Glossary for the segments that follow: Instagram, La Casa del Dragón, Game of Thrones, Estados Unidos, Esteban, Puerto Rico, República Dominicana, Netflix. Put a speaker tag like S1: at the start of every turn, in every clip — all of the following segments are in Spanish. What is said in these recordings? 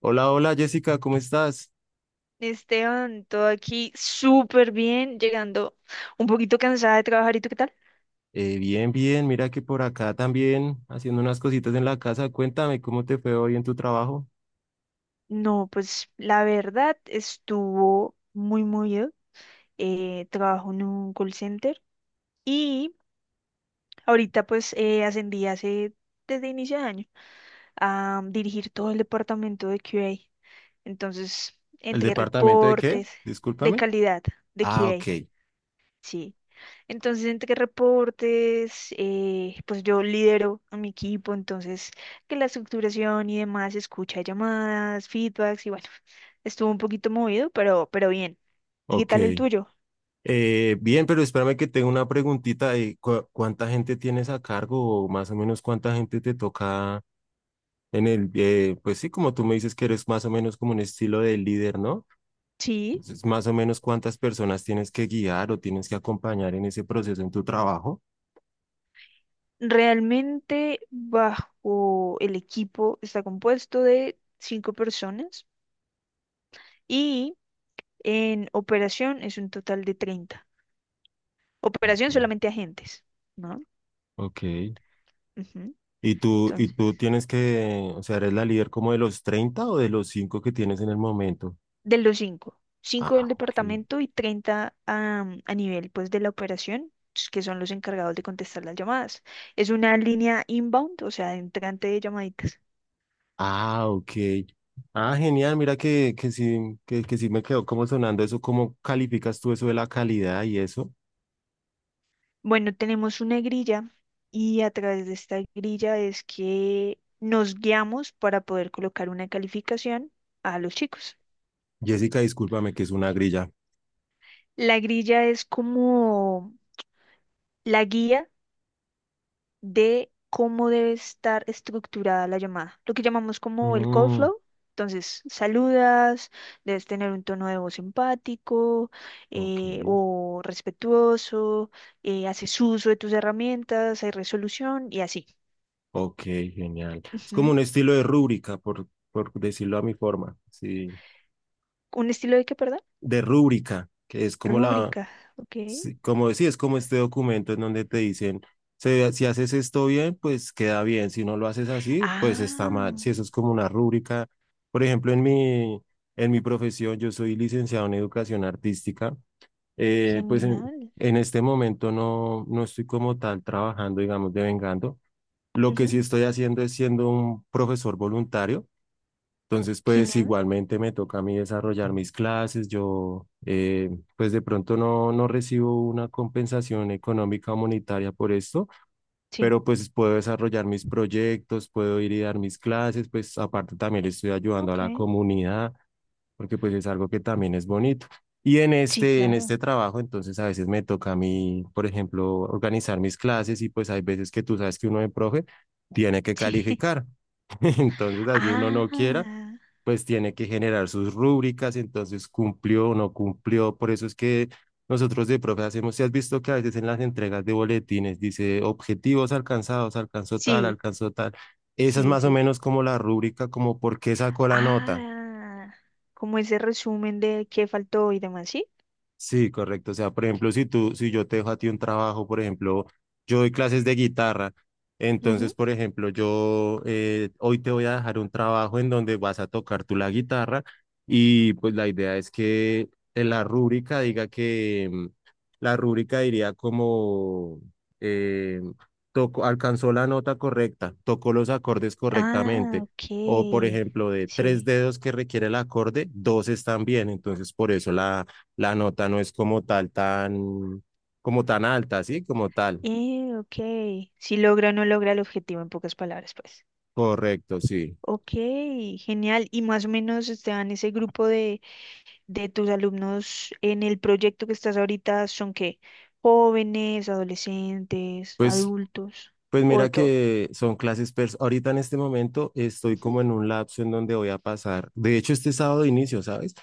S1: Hola, hola Jessica, ¿cómo estás?
S2: Esteban, todo aquí súper bien, llegando un poquito cansada de trabajar. ¿Y tú qué tal?
S1: Bien, bien, mira que por acá también haciendo unas cositas en la casa. Cuéntame, ¿cómo te fue hoy en tu trabajo?
S2: No, pues la verdad estuvo muy movido. Trabajo en un call center y ahorita pues ascendí hace desde inicio de año a dirigir todo el departamento de QA. Entonces,
S1: ¿El
S2: entre
S1: departamento de qué?
S2: reportes de
S1: Discúlpame.
S2: calidad de
S1: Ah,
S2: QA,
S1: ok,
S2: sí. Entonces, entre reportes, pues yo lidero a mi equipo, entonces que la estructuración y demás, escucha llamadas, feedbacks y bueno, estuvo un poquito movido, pero bien. ¿Y qué
S1: ok.
S2: tal el tuyo?
S1: Bien, pero espérame que tengo una preguntita de cuánta gente tienes a cargo o más o menos cuánta gente te toca pues sí, como tú me dices que eres más o menos como un estilo de líder, ¿no?
S2: Sí,
S1: Entonces, más o menos cuántas personas tienes que guiar o tienes que acompañar en ese proceso en tu trabajo.
S2: realmente bajo el equipo está compuesto de cinco personas y en operación es un total de 30. Operación
S1: Ok.
S2: solamente agentes, ¿no?
S1: Ok. Y tú,
S2: Ujú.
S1: y tú tienes que, o sea, eres la líder como de los 30 o de los 5 que tienes en el momento.
S2: De los cinco, cinco
S1: Ah,
S2: del
S1: ok.
S2: departamento y 30 a nivel pues de la operación, s- que son los encargados de contestar las llamadas. Es una línea inbound, o sea, entrante de llamaditas.
S1: Ah, ok. Ah, genial. Mira que sí, que sí me quedó como sonando eso. ¿Cómo calificas tú eso de la calidad y eso?
S2: Bueno, tenemos una grilla y a través de esta grilla es que nos guiamos para poder colocar una calificación a los chicos.
S1: Jessica, discúlpame que es una grilla.
S2: La grilla es como la guía de cómo debe estar estructurada la llamada, lo que llamamos como el call
S1: Mm,
S2: flow. Entonces, saludas, debes tener un tono de voz empático,
S1: ok.
S2: o respetuoso, haces uso de tus herramientas, hay resolución y así.
S1: Ok, genial. Es como
S2: Ujú.
S1: un estilo de rúbrica, por decirlo a mi forma. Sí.
S2: ¿Un estilo de qué, perdón?
S1: De rúbrica, que es como
S2: Rúbrica, ok.
S1: sí, como decía, es como este documento en donde te dicen, Si haces esto bien, pues queda bien, si no lo haces así, pues está mal.
S2: Ah,
S1: Si eso es como una rúbrica, por ejemplo, en mi profesión, yo soy licenciado en educación artística, pues en,
S2: genial.
S1: en este momento no estoy como tal trabajando, digamos, devengando. Lo que
S2: Ujú.
S1: sí estoy haciendo es siendo un profesor voluntario. Entonces, pues
S2: Genial,
S1: igualmente me toca a mí desarrollar mis clases. Yo, pues de pronto no recibo una compensación económica o monetaria por esto,
S2: sí,
S1: pero pues puedo desarrollar mis proyectos, puedo ir y dar mis clases, pues aparte también le estoy ayudando a
S2: ok.
S1: la comunidad porque pues es algo que también es bonito. Y en
S2: Sí,
S1: este
S2: claro.
S1: trabajo, entonces a veces me toca a mí, por ejemplo, organizar mis clases y pues hay veces que tú sabes que uno de profe tiene que
S2: Sí.
S1: calificar. Entonces, así uno
S2: Ah,
S1: no quiera, pues tiene que generar sus rúbricas, entonces cumplió o no cumplió. Por eso es que nosotros de profe hacemos, si has visto que a veces en las entregas de boletines dice objetivos alcanzados, alcanzó tal,
S2: sí,
S1: alcanzó tal. Esa es
S2: sí,
S1: más o
S2: sí.
S1: menos como la rúbrica, como por qué sacó la nota.
S2: Ah, como ese resumen de qué faltó y demás, ¿sí?
S1: Sí, correcto. O sea, por ejemplo, si yo te dejo a ti un trabajo, por ejemplo, yo doy clases de guitarra, entonces,
S2: Ujú.
S1: por ejemplo, yo hoy te voy a dejar un trabajo en donde vas a tocar tú la guitarra y pues la idea es que en la rúbrica diga que la rúbrica diría como eh, tocó, alcanzó la nota correcta, tocó los acordes
S2: Ah,
S1: correctamente.
S2: ok.
S1: O, por ejemplo, de tres
S2: Sí.
S1: dedos que requiere el acorde, dos están bien. Entonces, por eso la nota no es como tal tan, como tan alta, ¿sí? Como tal.
S2: Ok. Si logra o no logra el objetivo, en pocas palabras, pues.
S1: Correcto, sí.
S2: Ok, genial. Y más o menos, Esteban, ese grupo de tus alumnos en el proyecto que estás ahorita, ¿son qué? ¿Jóvenes, adolescentes,
S1: Pues
S2: adultos
S1: Pues
S2: o de
S1: mira
S2: todo?
S1: que son clases, ahorita en este momento estoy
S2: Ujú.
S1: como en un lapso en donde voy a pasar, de hecho este sábado inicio, ¿sabes?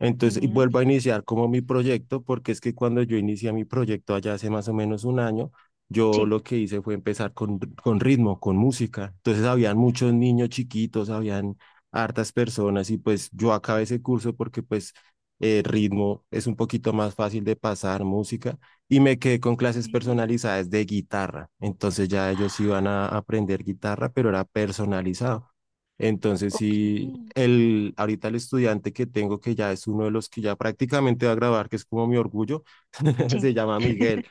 S1: Entonces y
S2: Genial.
S1: vuelvo a iniciar como mi proyecto, porque es que cuando yo inicié mi proyecto allá hace más o menos un año, yo
S2: Sí.
S1: lo que hice fue empezar con ritmo, con música. Entonces habían muchos niños chiquitos, habían hartas personas y pues yo acabé ese curso porque pues ritmo es un poquito más fácil de pasar música y me quedé con clases
S2: Mm.
S1: personalizadas de guitarra. Entonces ya ellos iban a aprender guitarra, pero era personalizado. Entonces
S2: Ok.
S1: sí, ahorita el estudiante que tengo, que ya es uno de los que ya prácticamente va a grabar, que es como mi orgullo,
S2: Sí.
S1: se llama Miguel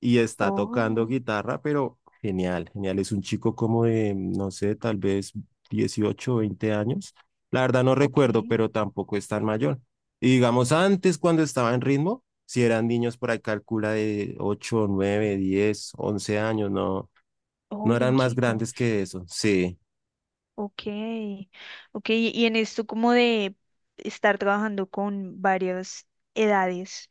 S1: y está tocando
S2: Oh,
S1: guitarra, pero genial, genial. Es un chico como de, no sé, tal vez 18 20 años. La verdad no
S2: ok.
S1: recuerdo, pero tampoco es tan mayor. Y digamos, antes cuando estaba en ritmo, si eran niños por ahí, calcula de 8 9 10 11 años, no,
S2: Oh,
S1: no
S2: eran
S1: eran más
S2: chico.
S1: grandes que eso. Sí,
S2: Ok. Ok, y en esto como de estar trabajando con varias edades,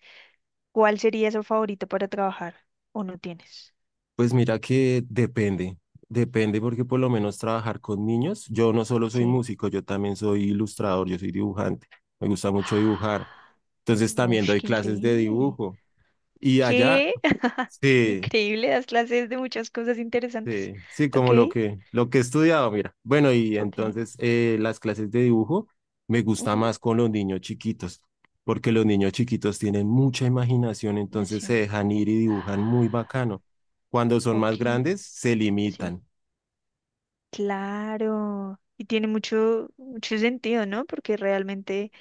S2: ¿cuál sería su favorito para trabajar? ¿O no tienes?
S1: pues mira que depende, depende porque por lo menos trabajar con niños, yo no solo soy
S2: Sí.
S1: músico, yo también soy ilustrador, yo soy dibujante, me gusta mucho dibujar. Entonces también
S2: Uf,
S1: doy
S2: qué
S1: clases de
S2: increíble.
S1: dibujo. Y allá,
S2: ¿Qué?
S1: sí,
S2: Increíble, das clases de muchas cosas interesantes.
S1: sí, sí, como
S2: Ok,
S1: lo que he estudiado, mira. Bueno, y
S2: ok.
S1: entonces las clases de dibujo me gusta
S2: Ujú.
S1: más con los niños chiquitos, porque los niños chiquitos tienen mucha imaginación, entonces se
S2: Nación.
S1: dejan ir y dibujan muy bacano. Cuando son
S2: Ok,
S1: más grandes, se
S2: sí.
S1: limitan,
S2: Claro, y tiene mucho, mucho sentido, ¿no? Porque realmente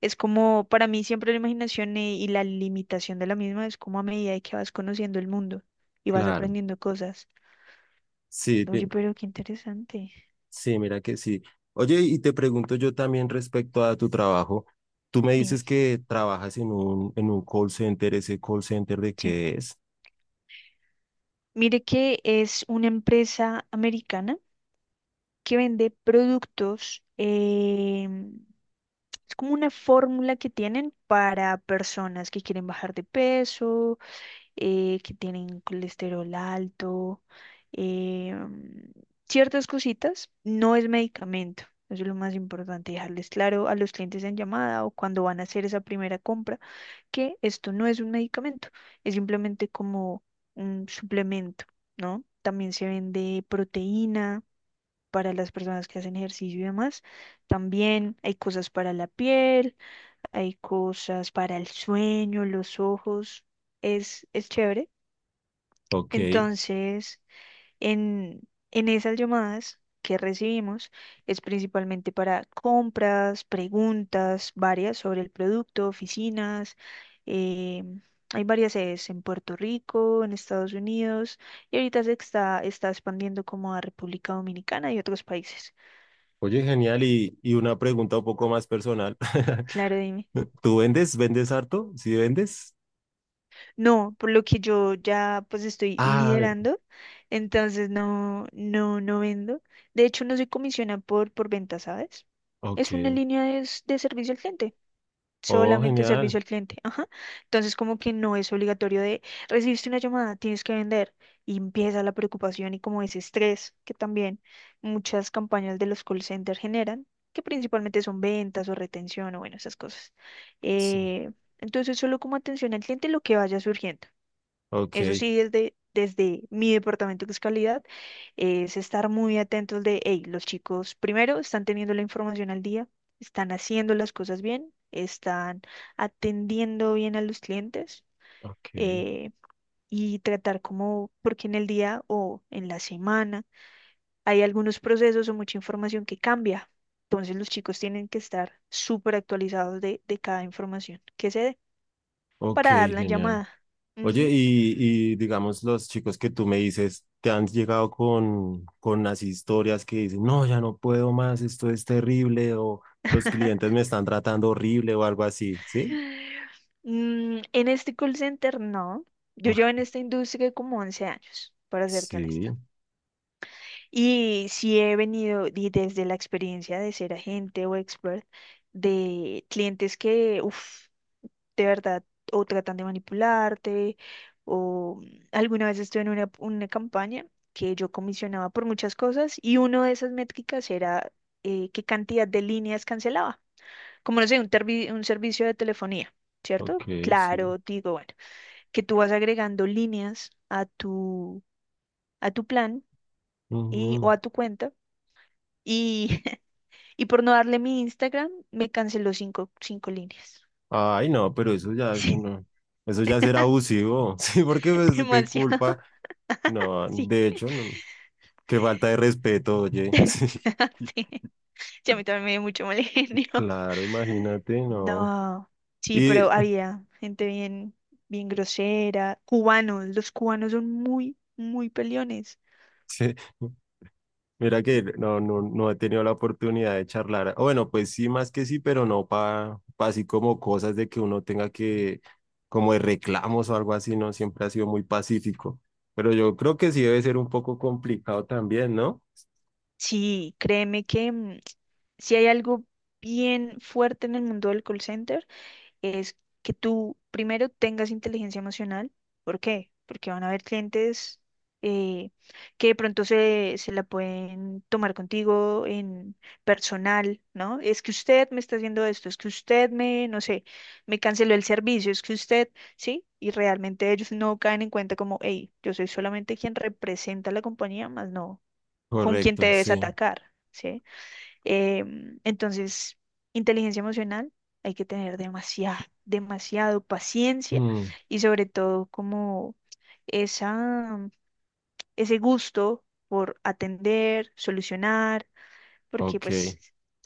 S2: es como, para mí siempre la imaginación e- y la limitación de la misma es como a medida de que vas conociendo el mundo y vas
S1: claro.
S2: aprendiendo cosas.
S1: Sí,
S2: Oye, pero qué interesante.
S1: sí, mira que sí. Oye, y te pregunto yo también respecto a tu trabajo. Tú me
S2: Dime,
S1: dices que trabajas en un call center, ¿ese call center de
S2: sí.
S1: qué es?
S2: Mire que es una empresa americana que vende productos, es como una fórmula que tienen para personas que quieren bajar de peso, que tienen colesterol alto, eh, mm, ciertas cositas. No es medicamento. Eso es lo más importante, dejarles claro a los clientes en llamada o cuando van a hacer esa primera compra que esto no es un medicamento, es simplemente como un suplemento, ¿no? También se vende proteína para las personas que hacen ejercicio y demás. También hay cosas para la piel, hay cosas para el sueño, los ojos. Es chévere.
S1: Ok.
S2: Entonces, en, en esas llamadas que recibimos es principalmente para compras, preguntas varias sobre el producto, oficinas. eh, Hay varias sedes en Puerto Rico, en Estados Unidos y ahorita se está, está expandiendo como a República Dominicana y otros países.
S1: Oye, genial. Y una pregunta un poco más personal.
S2: Claro, dime.
S1: ¿Tú vendes? ¿Vendes harto? ¿Sí vendes?
S2: No, por lo que yo ya pues estoy
S1: Ah,
S2: liderando, entonces no, no vendo. De hecho, no soy comisionada por venta, ¿sabes?
S1: ok.
S2: Es una línea de, s- de servicio al cliente,
S1: Oh,
S2: solamente
S1: genial.
S2: servicio al cliente, ajá. Entonces como que no es obligatorio de, recibiste una llamada, tienes que vender. Y empieza la preocupación y como ese estrés que también muchas campañas de los call centers generan, que principalmente son ventas o retención o bueno, esas cosas.
S1: Sí.
S2: Eh, entonces solo como atención al cliente lo que vaya surgiendo.
S1: Ok,
S2: Eso sí, desde mi departamento que es calidad, es estar muy atentos de, hey, los chicos primero están teniendo la información al día, están haciendo las cosas bien, están atendiendo bien a los clientes,
S1: ok,
S2: eh, y tratar como, porque en el día o en la semana hay algunos procesos o mucha información que cambia. Entonces los chicos tienen que estar súper actualizados de cada información que se dé
S1: ok,
S2: para dar la
S1: genial.
S2: llamada.
S1: Oye,
S2: Ujú.
S1: y digamos, los chicos que tú me dices, te han llegado con las historias que dicen, no, ya no puedo más, esto es terrible, o los clientes me están tratando horrible o algo así, ¿sí?
S2: Mm, en este call center no. Yo llevo
S1: Uf,
S2: en esta industria como 11 años, para serte
S1: sí,
S2: honesta. Y sí he venido y desde la experiencia de ser agente o expert de clientes que, uff, de verdad, o tratan de manipularte, o alguna vez estuve en una campaña que yo comisionaba por muchas cosas y una de esas métricas era qué cantidad de líneas cancelaba como no sé, un, tervi- un servicio de telefonía, ¿cierto?
S1: ok, sí.
S2: Claro, digo, bueno, que tú vas agregando líneas a tu plan y, o a tu cuenta y, y por no darle mi Instagram me canceló cinco, cinco líneas.
S1: Ay, no, pero eso ya, eso no, eso ya será abusivo, sí, porque
S2: Sí,
S1: pues, qué
S2: demasiado.
S1: culpa, no,
S2: Sí,
S1: de hecho, no, qué falta de respeto, oye, sí,
S2: sí. Sí, a mí también me dio mucho mal genio.
S1: claro, imagínate, no,
S2: No, sí,
S1: y
S2: pero había gente bien, bien grosera, cubanos, los cubanos son muy, muy peleones.
S1: sí, mira que no he tenido la oportunidad de charlar, o bueno, pues sí, más que sí, pero no para, así como cosas de que uno como de reclamos o algo así, no, siempre ha sido muy pacífico, pero yo creo que sí debe ser un poco complicado también, ¿no?
S2: Sí, créeme que si hay algo bien fuerte en el mundo del call center es que tú primero tengas inteligencia emocional. ¿Por qué? Porque van a haber clientes eh, que de pronto se la pueden tomar contigo en personal, ¿no? Es que usted me está haciendo esto, es que usted me, no sé, me canceló el servicio, es que usted, ¿sí? Y realmente ellos no caen en cuenta como, hey, yo soy solamente quien representa a la compañía, más no con quién te
S1: Correcto,
S2: debes
S1: sí.
S2: atacar, ¿sí? Entonces, inteligencia emocional, hay que tener demasiado, demasiado paciencia
S1: Mm.
S2: y sobre todo como esa, ese gusto por atender, solucionar, porque
S1: Ok, es
S2: pues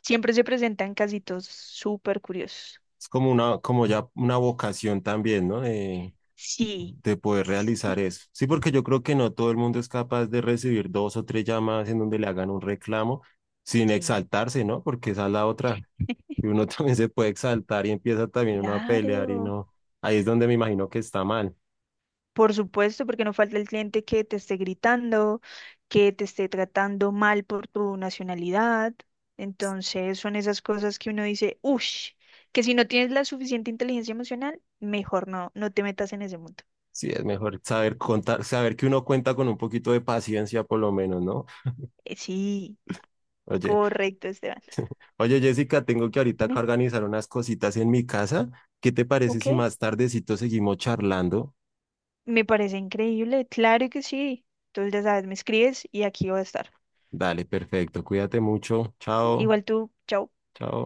S2: siempre se presentan casitos súper curiosos.
S1: como como ya una vocación también, ¿no? De,
S2: Sí,
S1: de poder realizar
S2: sí,
S1: eso. Sí, porque yo creo que no todo el mundo es capaz de recibir dos o tres llamadas en donde le hagan un reclamo sin
S2: sí,
S1: exaltarse, ¿no? Porque esa es la otra. Y uno también se puede exaltar y empieza también uno a pelear y
S2: claro.
S1: no. Ahí es donde me imagino que está mal.
S2: Por supuesto, porque no falta el cliente que te esté gritando, que te esté tratando mal por tu nacionalidad. Entonces son esas cosas que uno dice, uff, que si no tienes la suficiente inteligencia emocional, mejor no, no te metas en ese mundo.
S1: Sí, es mejor saber contar, saber que uno cuenta con un poquito de paciencia por lo menos, ¿no?
S2: Sí,
S1: Oye.
S2: correcto, Esteban.
S1: Oye, Jessica, tengo que ahorita acá
S2: Dime,
S1: organizar unas cositas en mi casa. ¿Qué te parece
S2: ok,
S1: si más tardecito seguimos charlando?
S2: me parece increíble, claro que sí. Entonces ya sabes, me escribes y aquí voy a estar.
S1: Dale, perfecto. Cuídate mucho. Chao,
S2: Igual tú, chao.
S1: chao.